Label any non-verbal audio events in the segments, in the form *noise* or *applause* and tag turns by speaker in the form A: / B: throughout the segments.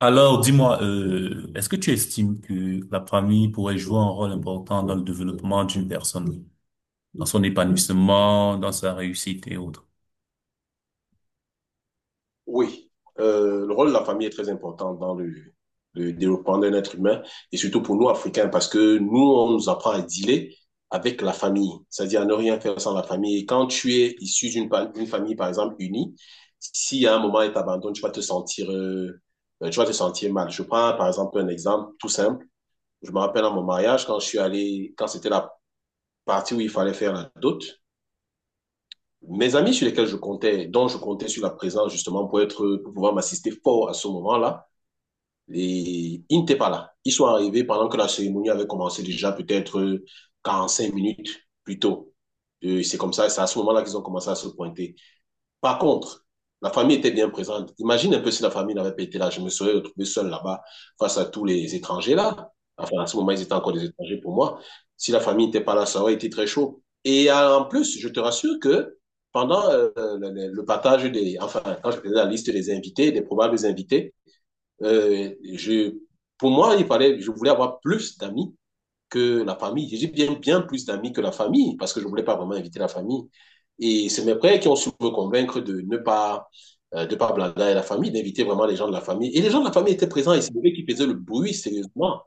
A: Alors, dis-moi, est-ce que tu estimes que la famille pourrait jouer un rôle important dans le développement d'une personne, dans son épanouissement, dans sa réussite et autres?
B: Oui, le rôle de la famille est très important dans le développement d'un être humain et surtout pour nous, Africains, parce que nous, on nous apprend à dealer avec la famille, c'est-à-dire à ne rien faire sans la famille. Et quand tu es issu d'une pa- une famille, par exemple, unie, si à un moment elle t'abandonne, tu vas te sentir mal. Je prends par exemple un exemple tout simple. Je me rappelle à mon mariage, quand je suis allé, quand c'était la partie où il fallait faire la dot, mes amis sur lesquels je comptais, dont je comptais sur la présence justement pour être, pour pouvoir m'assister fort à ce moment-là, et ils n'étaient pas là. Ils sont arrivés pendant que la cérémonie avait commencé déjà peut-être 45 minutes plus tôt. Et c'est comme ça, c'est à ce moment-là qu'ils ont commencé à se pointer. Par contre, la famille était bien présente. Imagine un peu si la famille n'avait pas été là. Je me serais retrouvé seul là-bas face à tous les étrangers là. Enfin, à ce moment, ils étaient encore des étrangers pour moi. Si la famille n'était pas là, ça aurait été très chaud. Et en plus, je te rassure que pendant le partage des, enfin, quand je faisais la liste des invités, des probables invités, euh, je, pour moi, il fallait, je voulais avoir plus d'amis que la famille. J'ai bien, bien plus d'amis que la famille parce que je ne voulais pas vraiment inviter la famille. Et c'est mes frères qui ont su me convaincre de ne pas, de pas blabla la famille, d'inviter vraiment les gens de la famille. Et les gens de la famille étaient présents et c'est eux qui faisaient le bruit sérieusement.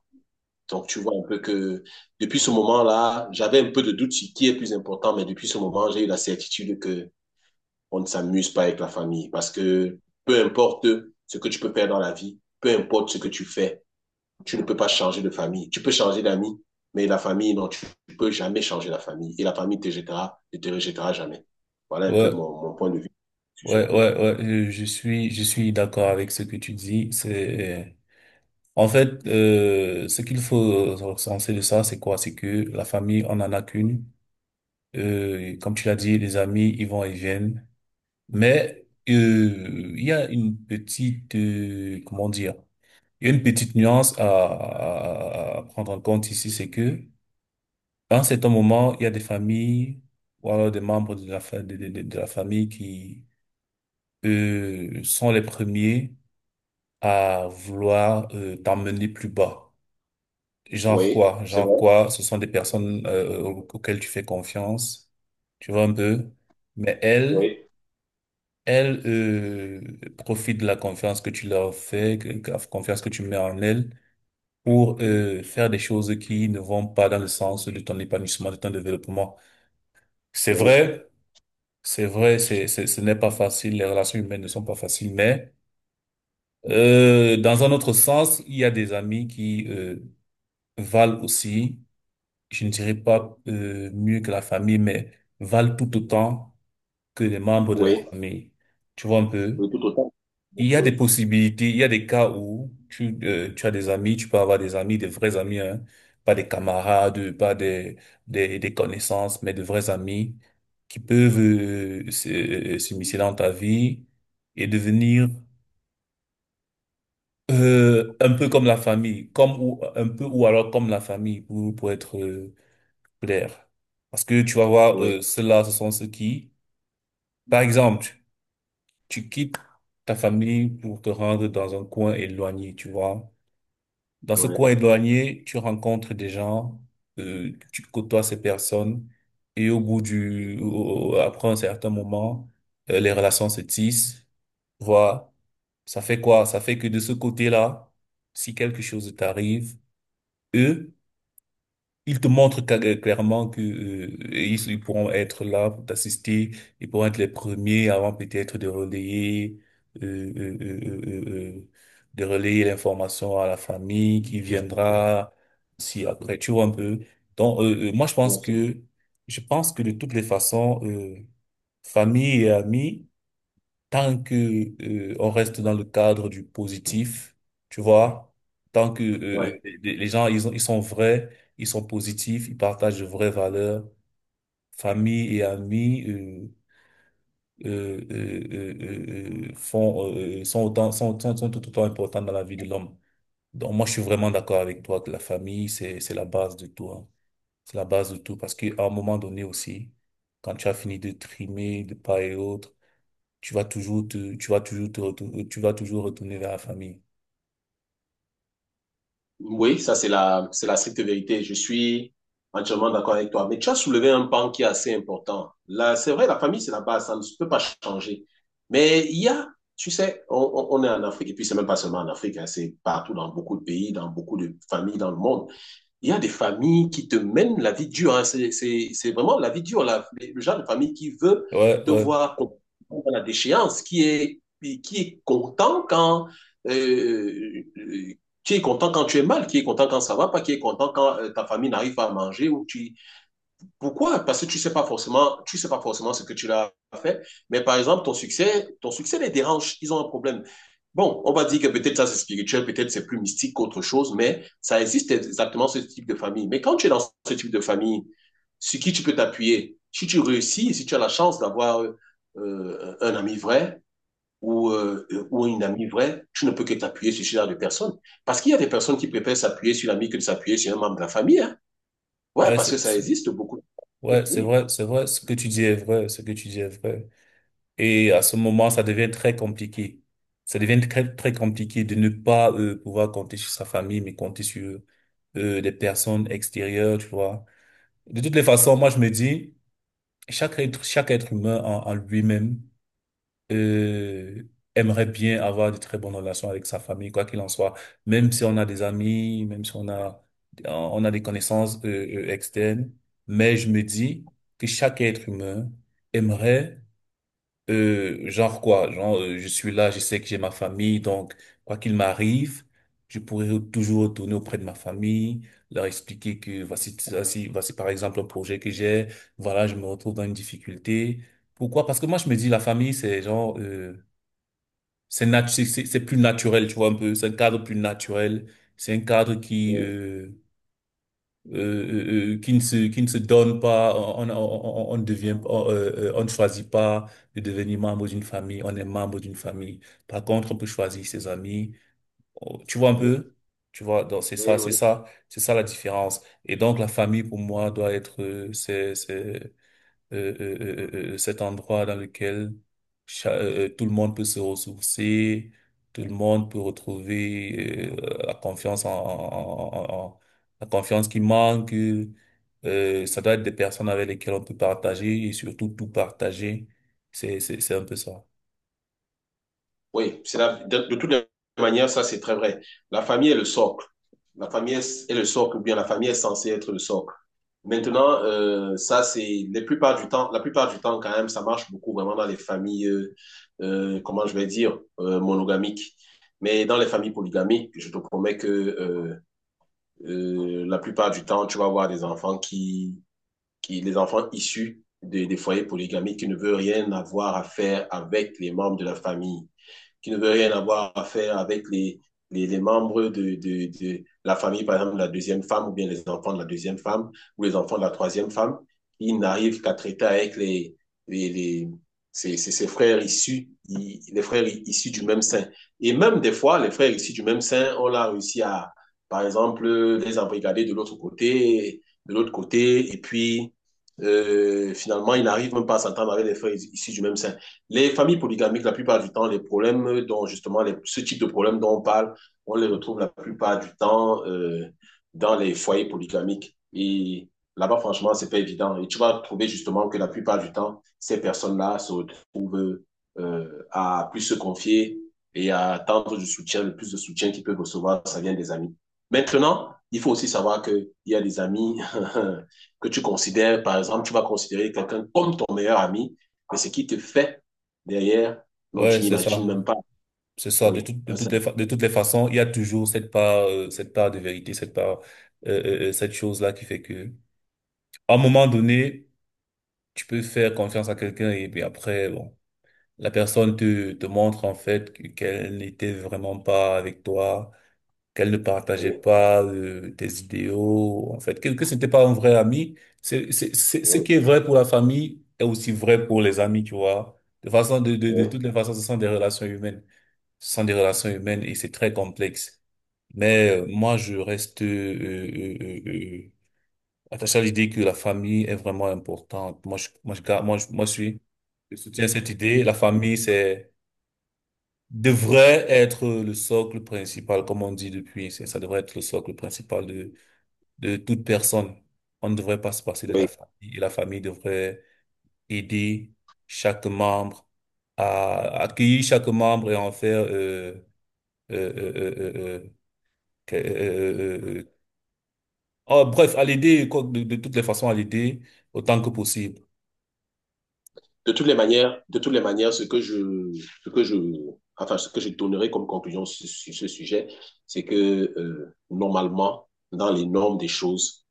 B: Donc, tu vois un peu que depuis ce moment-là, j'avais un peu de doute sur qui est plus important, mais depuis ce moment, j'ai eu la certitude que on ne s'amuse pas avec la famille parce que peu importe ce que tu peux faire dans la vie, peu importe ce que tu fais, tu ne peux pas changer de famille. Tu peux changer d'amis, mais la famille, non, tu ne peux jamais changer la famille. Et la famille te jettera, ne te rejettera jamais. Voilà un peu
A: Ouais,
B: mon point de vue sur ce
A: ouais,
B: point.
A: ouais, ouais, je suis d'accord avec ce que tu dis. Ce qu'il faut recenser de ça, c'est quoi? C'est que la famille, on en a qu'une. Comme tu l'as dit, les amis, ils vont et viennent. Mais il y a une petite, comment dire, il y a une petite nuance à prendre en compte ici, c'est que à un certain moment, il y a des familles ou alors des membres de la, fa- de la famille qui sont les premiers à vouloir t'emmener plus bas. Genre
B: Oui,
A: quoi?
B: c'est
A: Genre
B: vrai.
A: quoi? Ce sont des personnes auxquelles tu fais confiance, tu vois un peu. Mais elles,
B: Oui,
A: elles profitent de la confiance que tu leur fais, que la confiance que tu mets en elles, pour faire des choses qui ne vont pas dans le sens de ton épanouissement, de ton développement. C'est
B: oui,
A: vrai, c'est vrai, ce n'est pas facile, les relations humaines ne sont pas faciles, mais dans un autre sens, il y a des amis qui valent aussi. Je ne dirais pas mieux que la famille, mais valent tout autant que les membres de la
B: oui.
A: famille. Tu vois un peu?
B: Oui, tout autant.
A: Il y a
B: Oui,
A: des possibilités, il y a des cas où tu as des amis, tu peux avoir des amis, des vrais amis, hein, pas des camarades, pas des, des connaissances, mais de vrais amis qui peuvent s'immiscer dans ta vie et devenir un peu comme la famille, comme ou un peu ou alors comme la famille pour être clair. Parce que tu vas voir,
B: oui,
A: ceux-là, ce sont ceux qui, par exemple, tu quittes ta famille pour te rendre dans un coin éloigné, tu vois. Dans ce
B: oui.
A: coin éloigné, tu rencontres des gens, tu côtoies ces personnes, et au bout du, au- au- après un certain moment, les relations se tissent, tu vois. Ça fait quoi? Ça fait que de ce côté-là, si quelque chose t'arrive, eux, ils te montrent clairement que ils, ils pourront être là pour t'assister, ils pourront être les premiers avant peut-être euh, euh, euh, euh, euh, euh, de relayer l'information à la famille qui viendra si après tu vois un peu. Donc moi
B: Bien sûr.
A: je pense que de toutes les façons famille et amis tant que on reste dans le cadre du positif, tu vois, tant que
B: Ouais.
A: les gens ils sont vrais, ils sont positifs, ils partagent de vraies valeurs, famille et amis font sont tout autant importants dans la vie de l'homme. Donc moi je suis vraiment d'accord avec toi que la famille c'est la base de tout, hein. C'est la base de tout parce qu'à un moment donné aussi, quand tu as fini de trimer de part et autre tu vas tu vas tu vas toujours retourner vers la famille.
B: Oui, ça c'est la stricte vérité. Je suis entièrement d'accord avec toi. Mais tu as soulevé un pan qui est assez important. Là, c'est vrai, la famille, c'est la base, ça ne peut pas changer. Mais il y a, tu sais, on est en Afrique, et puis c'est même pas seulement en Afrique, hein, c'est partout dans beaucoup de pays, dans beaucoup de familles dans le monde, il y a des familles qui te mènent la vie dure, hein. C'est vraiment la vie dure, le genre de famille qui veut
A: Ouais,
B: te
A: ouais,
B: voir dans la déchéance, qui est content quand, euh, euh, tu es mal, qui est content quand ça va pas, qui est content quand ta famille n'arrive pas à manger pourquoi? Parce que tu sais pas forcément, tu sais pas forcément ce que tu l'as fait, mais par exemple, ton succès les dérange, ils ont un problème. Bon, on va dire que peut-être ça c'est spirituel, peut-être c'est plus mystique qu'autre chose, mais ça existe exactement ce type de famille. Mais quand tu es dans ce type de famille, sur qui tu peux t'appuyer, si tu réussis, si tu as la chance d'avoir un ami vrai ou une amie vraie, tu ne peux que t'appuyer sur ce genre de personnes. Parce qu'il y a des personnes qui préfèrent s'appuyer sur l'ami que de s'appuyer sur un membre de la famille, hein. Ouais,
A: ouais,
B: parce que ça existe beaucoup.
A: ouais,
B: Oui.
A: c'est vrai, ce que tu dis est vrai, ce que tu dis est vrai. Et à ce moment, ça devient très compliqué. Ça devient très, très compliqué de ne pas pouvoir compter sur sa famille, mais compter sur des personnes extérieures, tu vois. De toutes les façons, moi, je me dis, chaque être humain en lui-même euh, aimerait bien avoir de très bonnes relations avec sa famille, quoi qu'il en soit. Même si on a des amis, même si on a, on a des connaissances externes. Mais je me dis que chaque être humain aimerait, genre quoi, genre je suis là, je sais que j'ai ma famille, donc quoi qu'il m'arrive, je pourrais toujours retourner auprès de ma famille, leur expliquer que voici, voici, voici par exemple un projet que j'ai, voilà, je me retrouve dans une difficulté. Pourquoi? Parce que moi, je me dis, la famille, c'est genre, c'est plus naturel, tu vois, un peu. C'est un cadre plus naturel. C'est un cadre
B: Oui,
A: qui ne se donne pas. On ne choisit pas de devenir membre d'une famille. On est membre d'une famille. Par contre, on peut choisir ses amis. Oh, tu vois un
B: oui,
A: peu? Tu vois, donc
B: oui. Oui.
A: c'est ça la différence. Et donc, la famille, pour moi, doit être, cet endroit dans lequel tout le monde peut se ressourcer, tout le monde peut retrouver la confiance la confiance qui manque. Ça doit être des personnes avec lesquelles on peut partager et surtout tout partager. C'est un peu ça.
B: Oui, c'est de toute manière, ça c'est très vrai. La famille est le socle. La famille est le socle, ou bien la famille est censée être le socle. Maintenant, ça c'est la plupart du temps, la plupart du temps quand même, ça marche beaucoup vraiment dans les familles, comment je vais dire, monogamiques. Mais dans les familles polygamiques, je te promets que la plupart du temps, tu vas avoir des enfants qui, les enfants issus des foyers polygamiques qui ne veut rien avoir à faire avec les membres de la famille, qui ne veut rien avoir à faire avec les membres de la famille, par exemple, de la deuxième femme, ou bien les enfants de la deuxième femme, ou les enfants de la troisième femme, qui n'arrivent qu'à traiter avec les, les ses frères issus, les frères issus du même sein. Et même des fois, les frères issus du même sein, on l'a réussi à, par exemple, les embrigader de l'autre côté, et puis finalement, ils n'arrivent même pas à s'entendre avec les frères issus du même sein. Les familles polygamiques, la plupart du temps, les problèmes dont justement ce type de problème dont on parle, on les retrouve la plupart du temps dans les foyers polygamiques. Et là-bas, franchement, c'est pas évident. Et tu vas trouver justement que la plupart du temps, ces personnes-là se retrouvent à plus se confier et à attendre du soutien, le plus de soutien qu'ils peuvent recevoir, ça vient des amis. Maintenant, il faut aussi savoir qu'il y a des amis *laughs* que tu considères, par exemple, tu vas considérer quelqu'un comme ton meilleur ami, mais ce qui te fait derrière, non,
A: Ouais,
B: tu
A: c'est
B: n'imagines
A: ça.
B: même pas.
A: C'est ça.
B: Oui,
A: De toutes les façons, il y a toujours cette part de vérité, cette part cette chose-là qui fait que à un moment donné tu peux faire confiance à quelqu'un et puis après, bon, te montre en fait qu'elle n'était vraiment pas avec toi, qu'elle ne partageait
B: oui,
A: pas tes idéaux, en fait, que c'était pas un vrai ami. Ce
B: oui,
A: qui est vrai pour la famille est aussi vrai pour les amis, tu vois. De
B: oui,
A: toutes les façons, ce sont des relations humaines. Ce sont des relations humaines et c'est très complexe. Mais moi, je reste attaché à l'idée que la famille est vraiment importante. Moi, je suis, je soutiens cette idée. Devrait être le socle principal, comme on dit depuis. Ça devrait être le socle principal de toute personne. On ne devrait pas se passer de la
B: oui.
A: famille. Et la famille devrait aider chaque membre à accueillir chaque membre et en faire, euh, euh, euh, euh, euh, que- ah, bref, à l'aider, quoi, de toutes les façons, à l'aider autant que possible.
B: De toutes les manières, de toutes les manières, ce que je, enfin, ce que je donnerai comme conclusion sur, sur ce sujet, c'est que normalement, dans les normes des choses,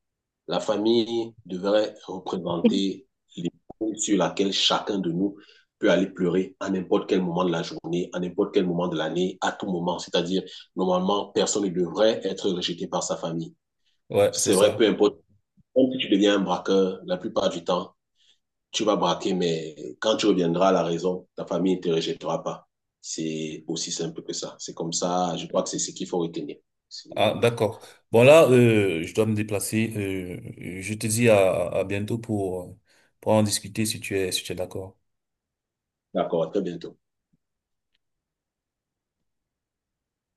B: la famille devrait représenter l'épaule sur laquelle chacun de nous peut aller pleurer à n'importe quel moment de la journée, à n'importe quel moment de l'année, à tout moment. C'est-à-dire, normalement, personne ne devrait être rejeté par sa famille.
A: Ouais, c'est
B: C'est vrai, peu
A: ça.
B: importe. Même si tu deviens un braqueur, la plupart du temps, tu vas braquer, mais quand tu reviendras à la raison, ta famille ne te rejettera pas. C'est aussi simple que ça. C'est comme ça, je crois que c'est ce qu'il faut retenir. C'est-
A: Ah,
B: Voilà.
A: d'accord. Bon, là, je dois me déplacer. Je te dis à bientôt pour en discuter si tu es, si tu es d'accord.
B: D'accord, à très bientôt.